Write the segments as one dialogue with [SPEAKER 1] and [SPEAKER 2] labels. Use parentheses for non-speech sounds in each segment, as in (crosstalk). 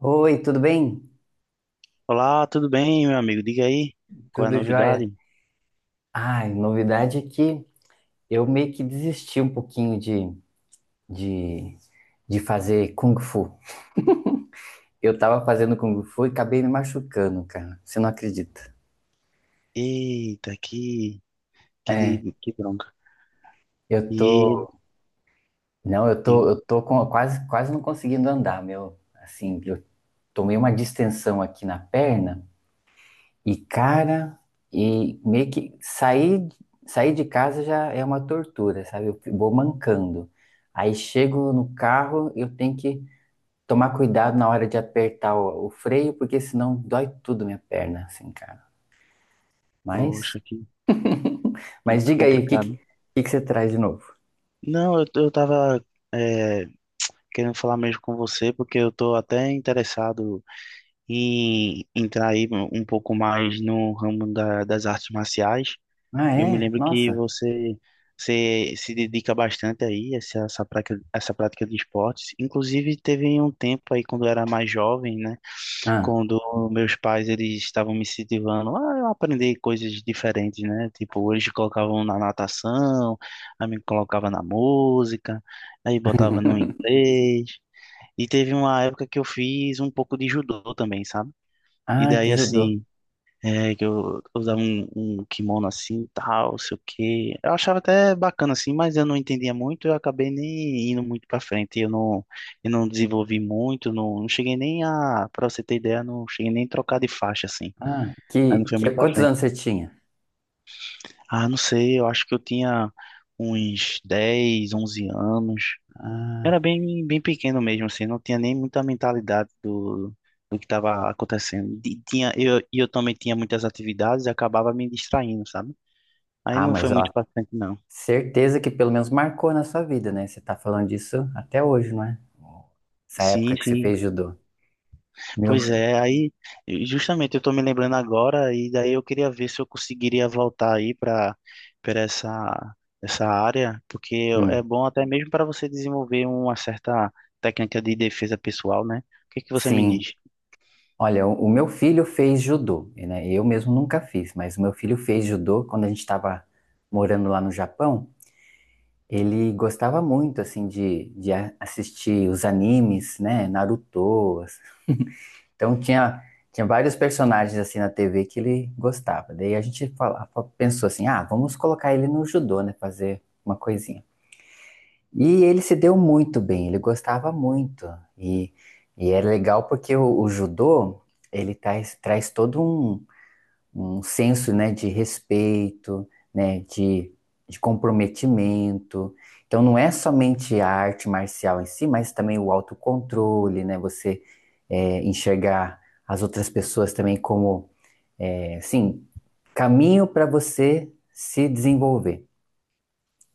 [SPEAKER 1] Oi, tudo bem?
[SPEAKER 2] Olá, tudo bem, meu amigo? Diga aí, qual é a
[SPEAKER 1] Tudo jóia?
[SPEAKER 2] novidade?
[SPEAKER 1] Ai, novidade é que eu meio que desisti um pouquinho de, de fazer Kung Fu. Eu tava fazendo Kung Fu e acabei me machucando, cara. Você não acredita?
[SPEAKER 2] Eita, que,
[SPEAKER 1] É,
[SPEAKER 2] que bronca.
[SPEAKER 1] eu
[SPEAKER 2] E,
[SPEAKER 1] tô. Não, eu tô,
[SPEAKER 2] e,
[SPEAKER 1] eu tô com, quase não conseguindo andar, meu. Assim, eu tomei uma distensão aqui na perna. E cara, e meio que sair, sair de casa já é uma tortura, sabe? Eu vou mancando. Aí chego no carro, eu tenho que tomar cuidado na hora de apertar o freio, porque senão dói tudo minha perna, assim, cara. Mas,
[SPEAKER 2] poxa, que
[SPEAKER 1] mas diga aí, o que, que,
[SPEAKER 2] complicado.
[SPEAKER 1] que que você traz de novo?
[SPEAKER 2] Não, eu tava é, querendo falar mesmo com você, porque eu tô até interessado em entrar aí um pouco mais no ramo das artes marciais.
[SPEAKER 1] Ah,
[SPEAKER 2] E eu me
[SPEAKER 1] é?
[SPEAKER 2] lembro que
[SPEAKER 1] Nossa.
[SPEAKER 2] você se dedica bastante aí a essa prática de esportes. Inclusive, teve um tempo aí, quando eu era mais jovem, né?
[SPEAKER 1] Ah,
[SPEAKER 2] Quando meus pais eles estavam me incentivando ah, eu aprendi coisas diferentes, né? Tipo, eles colocavam na natação, aí me colocava na música, aí botava no
[SPEAKER 1] (laughs)
[SPEAKER 2] inglês. E teve uma época que eu fiz um pouco de judô também, sabe? E
[SPEAKER 1] ah, que
[SPEAKER 2] daí
[SPEAKER 1] judô.
[SPEAKER 2] assim, que eu usava um kimono assim, tal, sei o quê. Eu achava até bacana assim, mas eu não entendia muito, eu acabei nem indo muito pra frente. Eu não desenvolvi muito, não, não cheguei nem a, pra você ter ideia, não cheguei nem a trocar de faixa assim. Aí não foi muito pra
[SPEAKER 1] Quantos
[SPEAKER 2] frente.
[SPEAKER 1] anos você tinha?
[SPEAKER 2] Ah, não sei, eu acho que eu tinha uns 10, 11 anos.
[SPEAKER 1] Ah,
[SPEAKER 2] Bem pequeno mesmo, assim, não tinha nem muita mentalidade do que estava acontecendo. E e eu também tinha muitas atividades e acabava me distraindo, sabe? Aí
[SPEAKER 1] ah,
[SPEAKER 2] não foi
[SPEAKER 1] mas ó,
[SPEAKER 2] muito paciente, não.
[SPEAKER 1] certeza que pelo menos marcou na sua vida, né? Você tá falando disso até hoje, não é? Essa época
[SPEAKER 2] Sim,
[SPEAKER 1] que você
[SPEAKER 2] sim.
[SPEAKER 1] fez judô.
[SPEAKER 2] Pois
[SPEAKER 1] Meu,
[SPEAKER 2] é, aí justamente eu tô me lembrando agora e daí eu queria ver se eu conseguiria voltar aí para essa essa área, porque é
[SPEAKER 1] hum,
[SPEAKER 2] bom até mesmo para você desenvolver uma certa técnica de defesa pessoal, né? O que que você me
[SPEAKER 1] sim.
[SPEAKER 2] diz?
[SPEAKER 1] Olha, o meu filho fez judô, né? Eu mesmo nunca fiz, mas o meu filho fez judô quando a gente estava morando lá no Japão. Ele gostava muito, assim, de, assistir os animes, né? Naruto. Então tinha vários personagens assim na TV que ele gostava. Daí a gente fala- Pensou assim, ah, vamos colocar ele no judô, né? Fazer uma coisinha. E ele se deu muito bem, ele gostava muito. E, e é legal porque o judô, ele traz toda um senso, né, de respeito, né, de comprometimento. Então não é somente a arte marcial em si, mas também o autocontrole, né, você enxergar as outras pessoas também como, é, assim, caminho para você se desenvolver,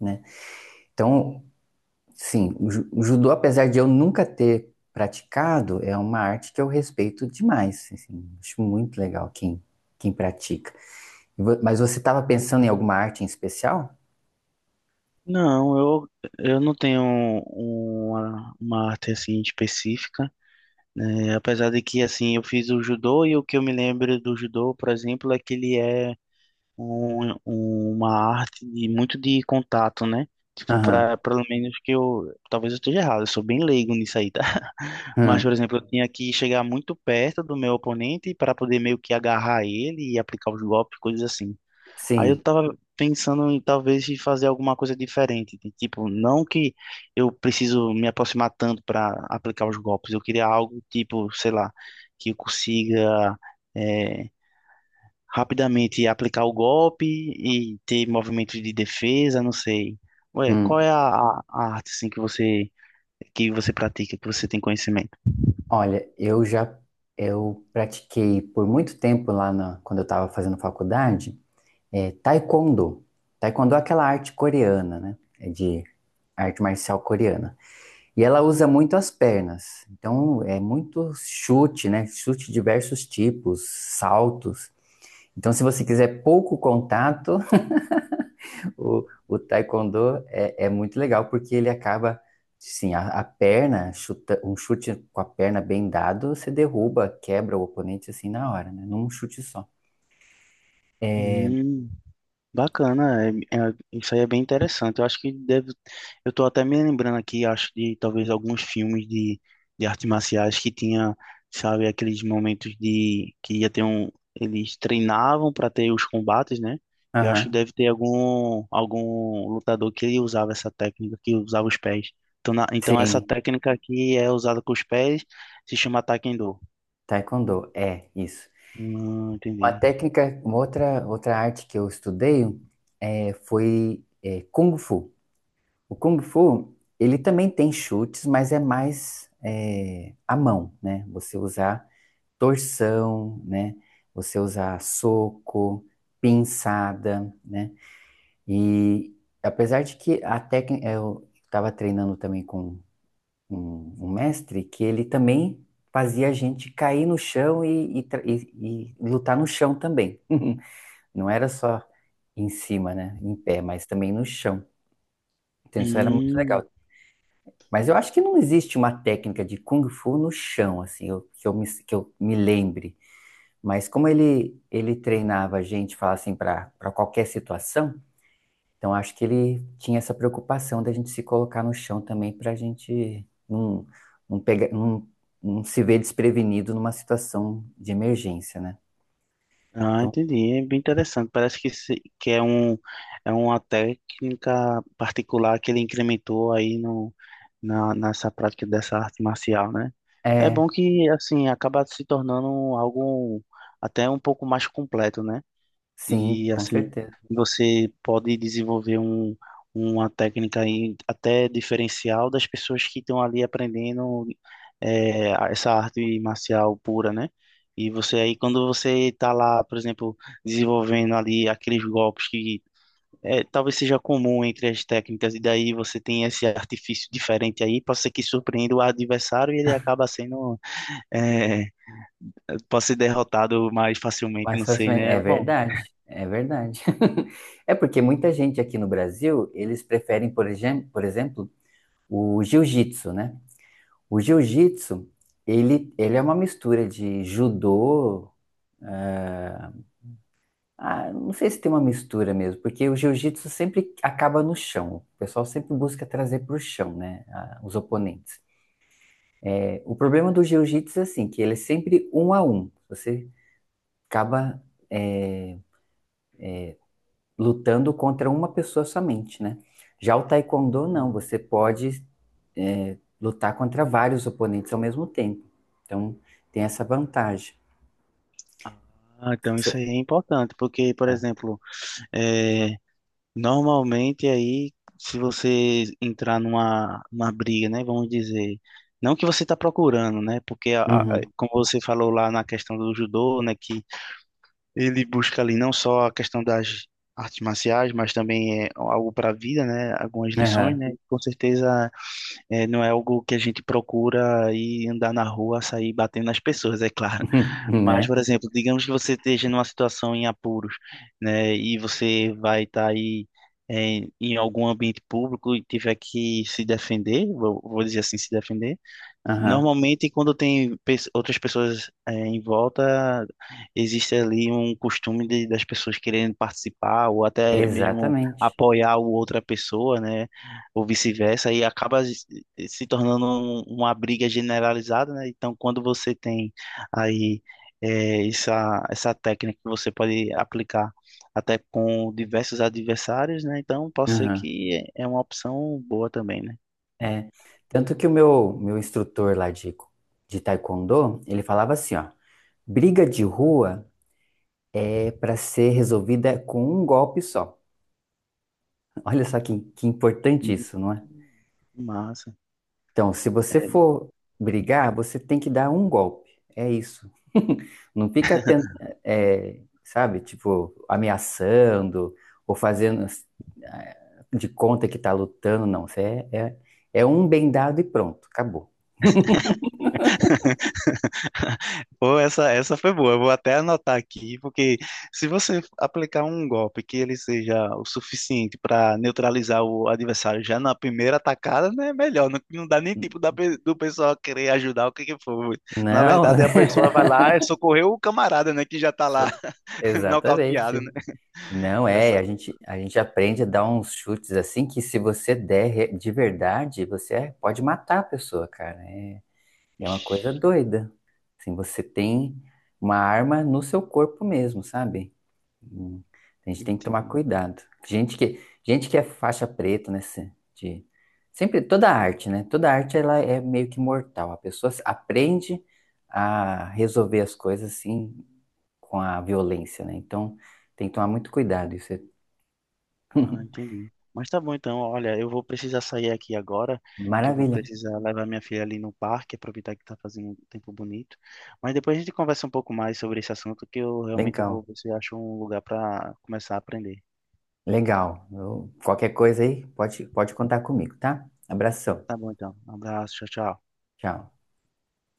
[SPEAKER 1] né? Então, sim, o judô, apesar de eu nunca ter praticado, é uma arte que eu respeito demais, assim, acho muito legal quem pratica. Mas você estava pensando em alguma arte em especial?
[SPEAKER 2] Não, eu não tenho uma arte assim específica, né? Apesar de que assim eu fiz o judô e o que eu me lembro do judô, por exemplo, é que ele é um- uma arte de- muito de contato, né? Tipo,
[SPEAKER 1] Aham.
[SPEAKER 2] pra, pelo menos que eu. Talvez eu esteja errado, eu sou bem leigo nisso aí, tá? (laughs) Mas,
[SPEAKER 1] Hum.
[SPEAKER 2] por exemplo, eu tinha que chegar muito perto do meu oponente para poder meio que agarrar ele e aplicar os golpes, coisas assim. Aí
[SPEAKER 1] Sim.
[SPEAKER 2] eu tava pensando em talvez em fazer alguma coisa diferente. De tipo, não que eu preciso me aproximar tanto para aplicar os golpes. Eu queria algo tipo, sei lá, que eu consiga. eh, Rapidamente aplicar o golpe e ter movimentos de defesa, não sei. Ué, qual
[SPEAKER 1] Hum.
[SPEAKER 2] é a arte assim que você pratica, que você tem conhecimento?
[SPEAKER 1] Olha, eu pratiquei por muito tempo lá na, quando eu estava fazendo faculdade, é, taekwondo. Taekwondo é aquela arte coreana, né? É de arte marcial coreana. E ela usa muito as pernas. Então é muito chute, né? Chute de diversos tipos, saltos. Então, se você quiser pouco contato, o taekwondo é, é muito legal porque ele acaba, assim, a perna, chuta, um chute com a perna bem dado, você derruba, quebra o oponente assim na hora, né? Num chute só.
[SPEAKER 2] Hum. Bacana, é- isso aí é bem interessante. Eu acho que deve. Eu tô até me lembrando aqui, acho, de talvez alguns filmes de artes marciais que tinha, sabe, aqueles momentos de que ia ter um. Eles treinavam para ter os combates, né? Eu acho que
[SPEAKER 1] Aham.
[SPEAKER 2] deve ter algum lutador que ele usava essa técnica, que usava os pés. Então, então essa
[SPEAKER 1] Sim,
[SPEAKER 2] técnica aqui é usada com os pés, se chama Taekwondo.
[SPEAKER 1] taekwondo, é isso. Uma
[SPEAKER 2] Entendi.
[SPEAKER 1] técnica, uma outra arte que eu estudei é, foi é, Kung Fu. O Kung Fu, ele também tem chutes, mas é mais é, à mão, né? Você usar torção, né? Você usar soco, pinçada, né? E apesar de que a técnica, eu estava treinando também com um mestre que ele também fazia a gente cair no chão e lutar no chão também. (laughs) Não era só em cima, né? Em pé, mas também no chão. Então isso era muito
[SPEAKER 2] Hum,
[SPEAKER 1] legal. Mas eu acho que não existe uma técnica de Kung Fu no chão, assim, que eu me lembre. Mas como ele treinava a gente, fala assim, para qualquer situação, então acho que ele tinha essa preocupação da gente se colocar no chão também para a gente não, não, pegar, não, não se ver desprevenido numa situação de emergência, né?
[SPEAKER 2] Ah, entendi. É bem interessante. Parece que, se- que é um, é uma técnica particular que ele incrementou aí no, na, nessa prática dessa arte marcial, né? É
[SPEAKER 1] É,
[SPEAKER 2] bom que, assim, acaba se tornando algo até um pouco mais completo, né?
[SPEAKER 1] sim,
[SPEAKER 2] E
[SPEAKER 1] com
[SPEAKER 2] assim,
[SPEAKER 1] certeza.
[SPEAKER 2] você pode desenvolver um, uma técnica aí até diferencial das pessoas que estão ali aprendendo essa arte marcial pura, né? E você aí, quando você está lá, por exemplo, desenvolvendo ali aqueles golpes que talvez seja comum entre as técnicas, e daí você tem esse artifício diferente aí, pode ser que surpreenda o adversário e ele acaba sendo, é, pode ser derrotado mais facilmente, não sei, né?
[SPEAKER 1] É
[SPEAKER 2] Bom,
[SPEAKER 1] verdade, é verdade. (laughs) É porque muita gente aqui no Brasil, eles preferem, por exemplo, o jiu-jitsu, né? O jiu-jitsu, ele é uma mistura de judô. eh, ah, não sei se tem uma mistura mesmo, porque o jiu-jitsu sempre acaba no chão. O pessoal sempre busca trazer para o chão, né? Os oponentes. O problema do jiu-jitsu é assim, que ele é sempre um a um. Você acaba, eh, lutando contra uma pessoa somente, né? Já o taekwondo, não. Você pode, lutar contra vários oponentes ao mesmo tempo. Então, tem essa vantagem.
[SPEAKER 2] ah, então isso aí
[SPEAKER 1] Você-
[SPEAKER 2] é importante, porque, por
[SPEAKER 1] Ah,
[SPEAKER 2] exemplo, é, normalmente aí, se você entrar numa briga, né, vamos dizer, não que você está procurando, né, porque,
[SPEAKER 1] uhum.
[SPEAKER 2] como você falou lá na questão do judô, né, que ele busca ali não só a questão das artes marciais, mas também é algo para a vida, né, algumas lições,
[SPEAKER 1] Aham.
[SPEAKER 2] né, com certeza não é algo que a gente procura e andar na rua, sair batendo nas pessoas, é claro.
[SPEAKER 1] (laughs)
[SPEAKER 2] (laughs) Mas,
[SPEAKER 1] Né?
[SPEAKER 2] por exemplo, digamos que você esteja numa situação em apuros, né, e você vai estar aí em algum ambiente público e tiver que se defender, vou dizer assim, se defender.
[SPEAKER 1] Aham.
[SPEAKER 2] Normalmente, quando tem outras pessoas em volta, existe ali um costume de- das pessoas querendo participar ou até mesmo
[SPEAKER 1] Exatamente.
[SPEAKER 2] apoiar o outra pessoa, né? Ou vice-versa, e acaba se tornando um- uma briga generalizada, né? Então, quando você tem aí essa técnica que você pode aplicar até com diversos adversários, né? Então, pode ser
[SPEAKER 1] Aham.
[SPEAKER 2] que é uma opção boa também, né?
[SPEAKER 1] É. Tanto que meu instrutor lá de taekwondo, ele falava assim, ó, briga de rua é para ser resolvida com um golpe só. (laughs) Olha só que importante
[SPEAKER 2] Hum,
[SPEAKER 1] isso, não é?
[SPEAKER 2] massa.
[SPEAKER 1] Então, se você for brigar, você tem que dar um golpe. É isso. (laughs) Não fica tent... É, sabe, tipo, ameaçando ou fazendo de conta que tá lutando, não. Você é, é, é um bem dado e pronto, acabou.
[SPEAKER 2] Pô, essa foi boa. Eu vou até anotar aqui, porque se você aplicar um golpe que ele seja o suficiente para neutralizar o adversário já na primeira atacada, né? É melhor. Não, não dá nem
[SPEAKER 1] N-
[SPEAKER 2] tempo do pessoal querer ajudar o que que for. Na
[SPEAKER 1] Não,
[SPEAKER 2] verdade, a pessoa vai lá e socorreu o camarada, né? Que já tá lá
[SPEAKER 1] (laughs)
[SPEAKER 2] (laughs) nocauteado,
[SPEAKER 1] exatamente.
[SPEAKER 2] né?
[SPEAKER 1] Não
[SPEAKER 2] Essa.
[SPEAKER 1] é, a gente aprende a dar uns chutes assim que se você der de verdade, você é, pode matar a pessoa, cara. É é uma coisa
[SPEAKER 2] Ixi,
[SPEAKER 1] doida. Assim, você tem uma arma no seu corpo mesmo, sabe? Hum, A gente tem que tomar
[SPEAKER 2] entendi.
[SPEAKER 1] cuidado. Gente que é faixa preta, né? De, sempre, toda arte, né? Toda arte, ela é meio que mortal. A pessoa se- aprende a resolver as coisas, assim, com a violência, né? Então, tem que tomar muito cuidado. Isso é...
[SPEAKER 2] Ah,
[SPEAKER 1] (laughs)
[SPEAKER 2] entendi. Mas tá bom então, olha, eu vou precisar sair aqui agora, que eu vou
[SPEAKER 1] Maravilha.
[SPEAKER 2] precisar levar minha filha ali no parque, aproveitar que tá fazendo um tempo bonito. Mas depois a gente conversa um pouco mais sobre esse assunto, que eu realmente vou
[SPEAKER 1] Legal.
[SPEAKER 2] ver se eu acho um lugar para começar a aprender.
[SPEAKER 1] Legal. Qualquer coisa aí, pode contar comigo, tá? Abração.
[SPEAKER 2] Tá bom então. Um abraço, tchau, tchau.
[SPEAKER 1] Tchau.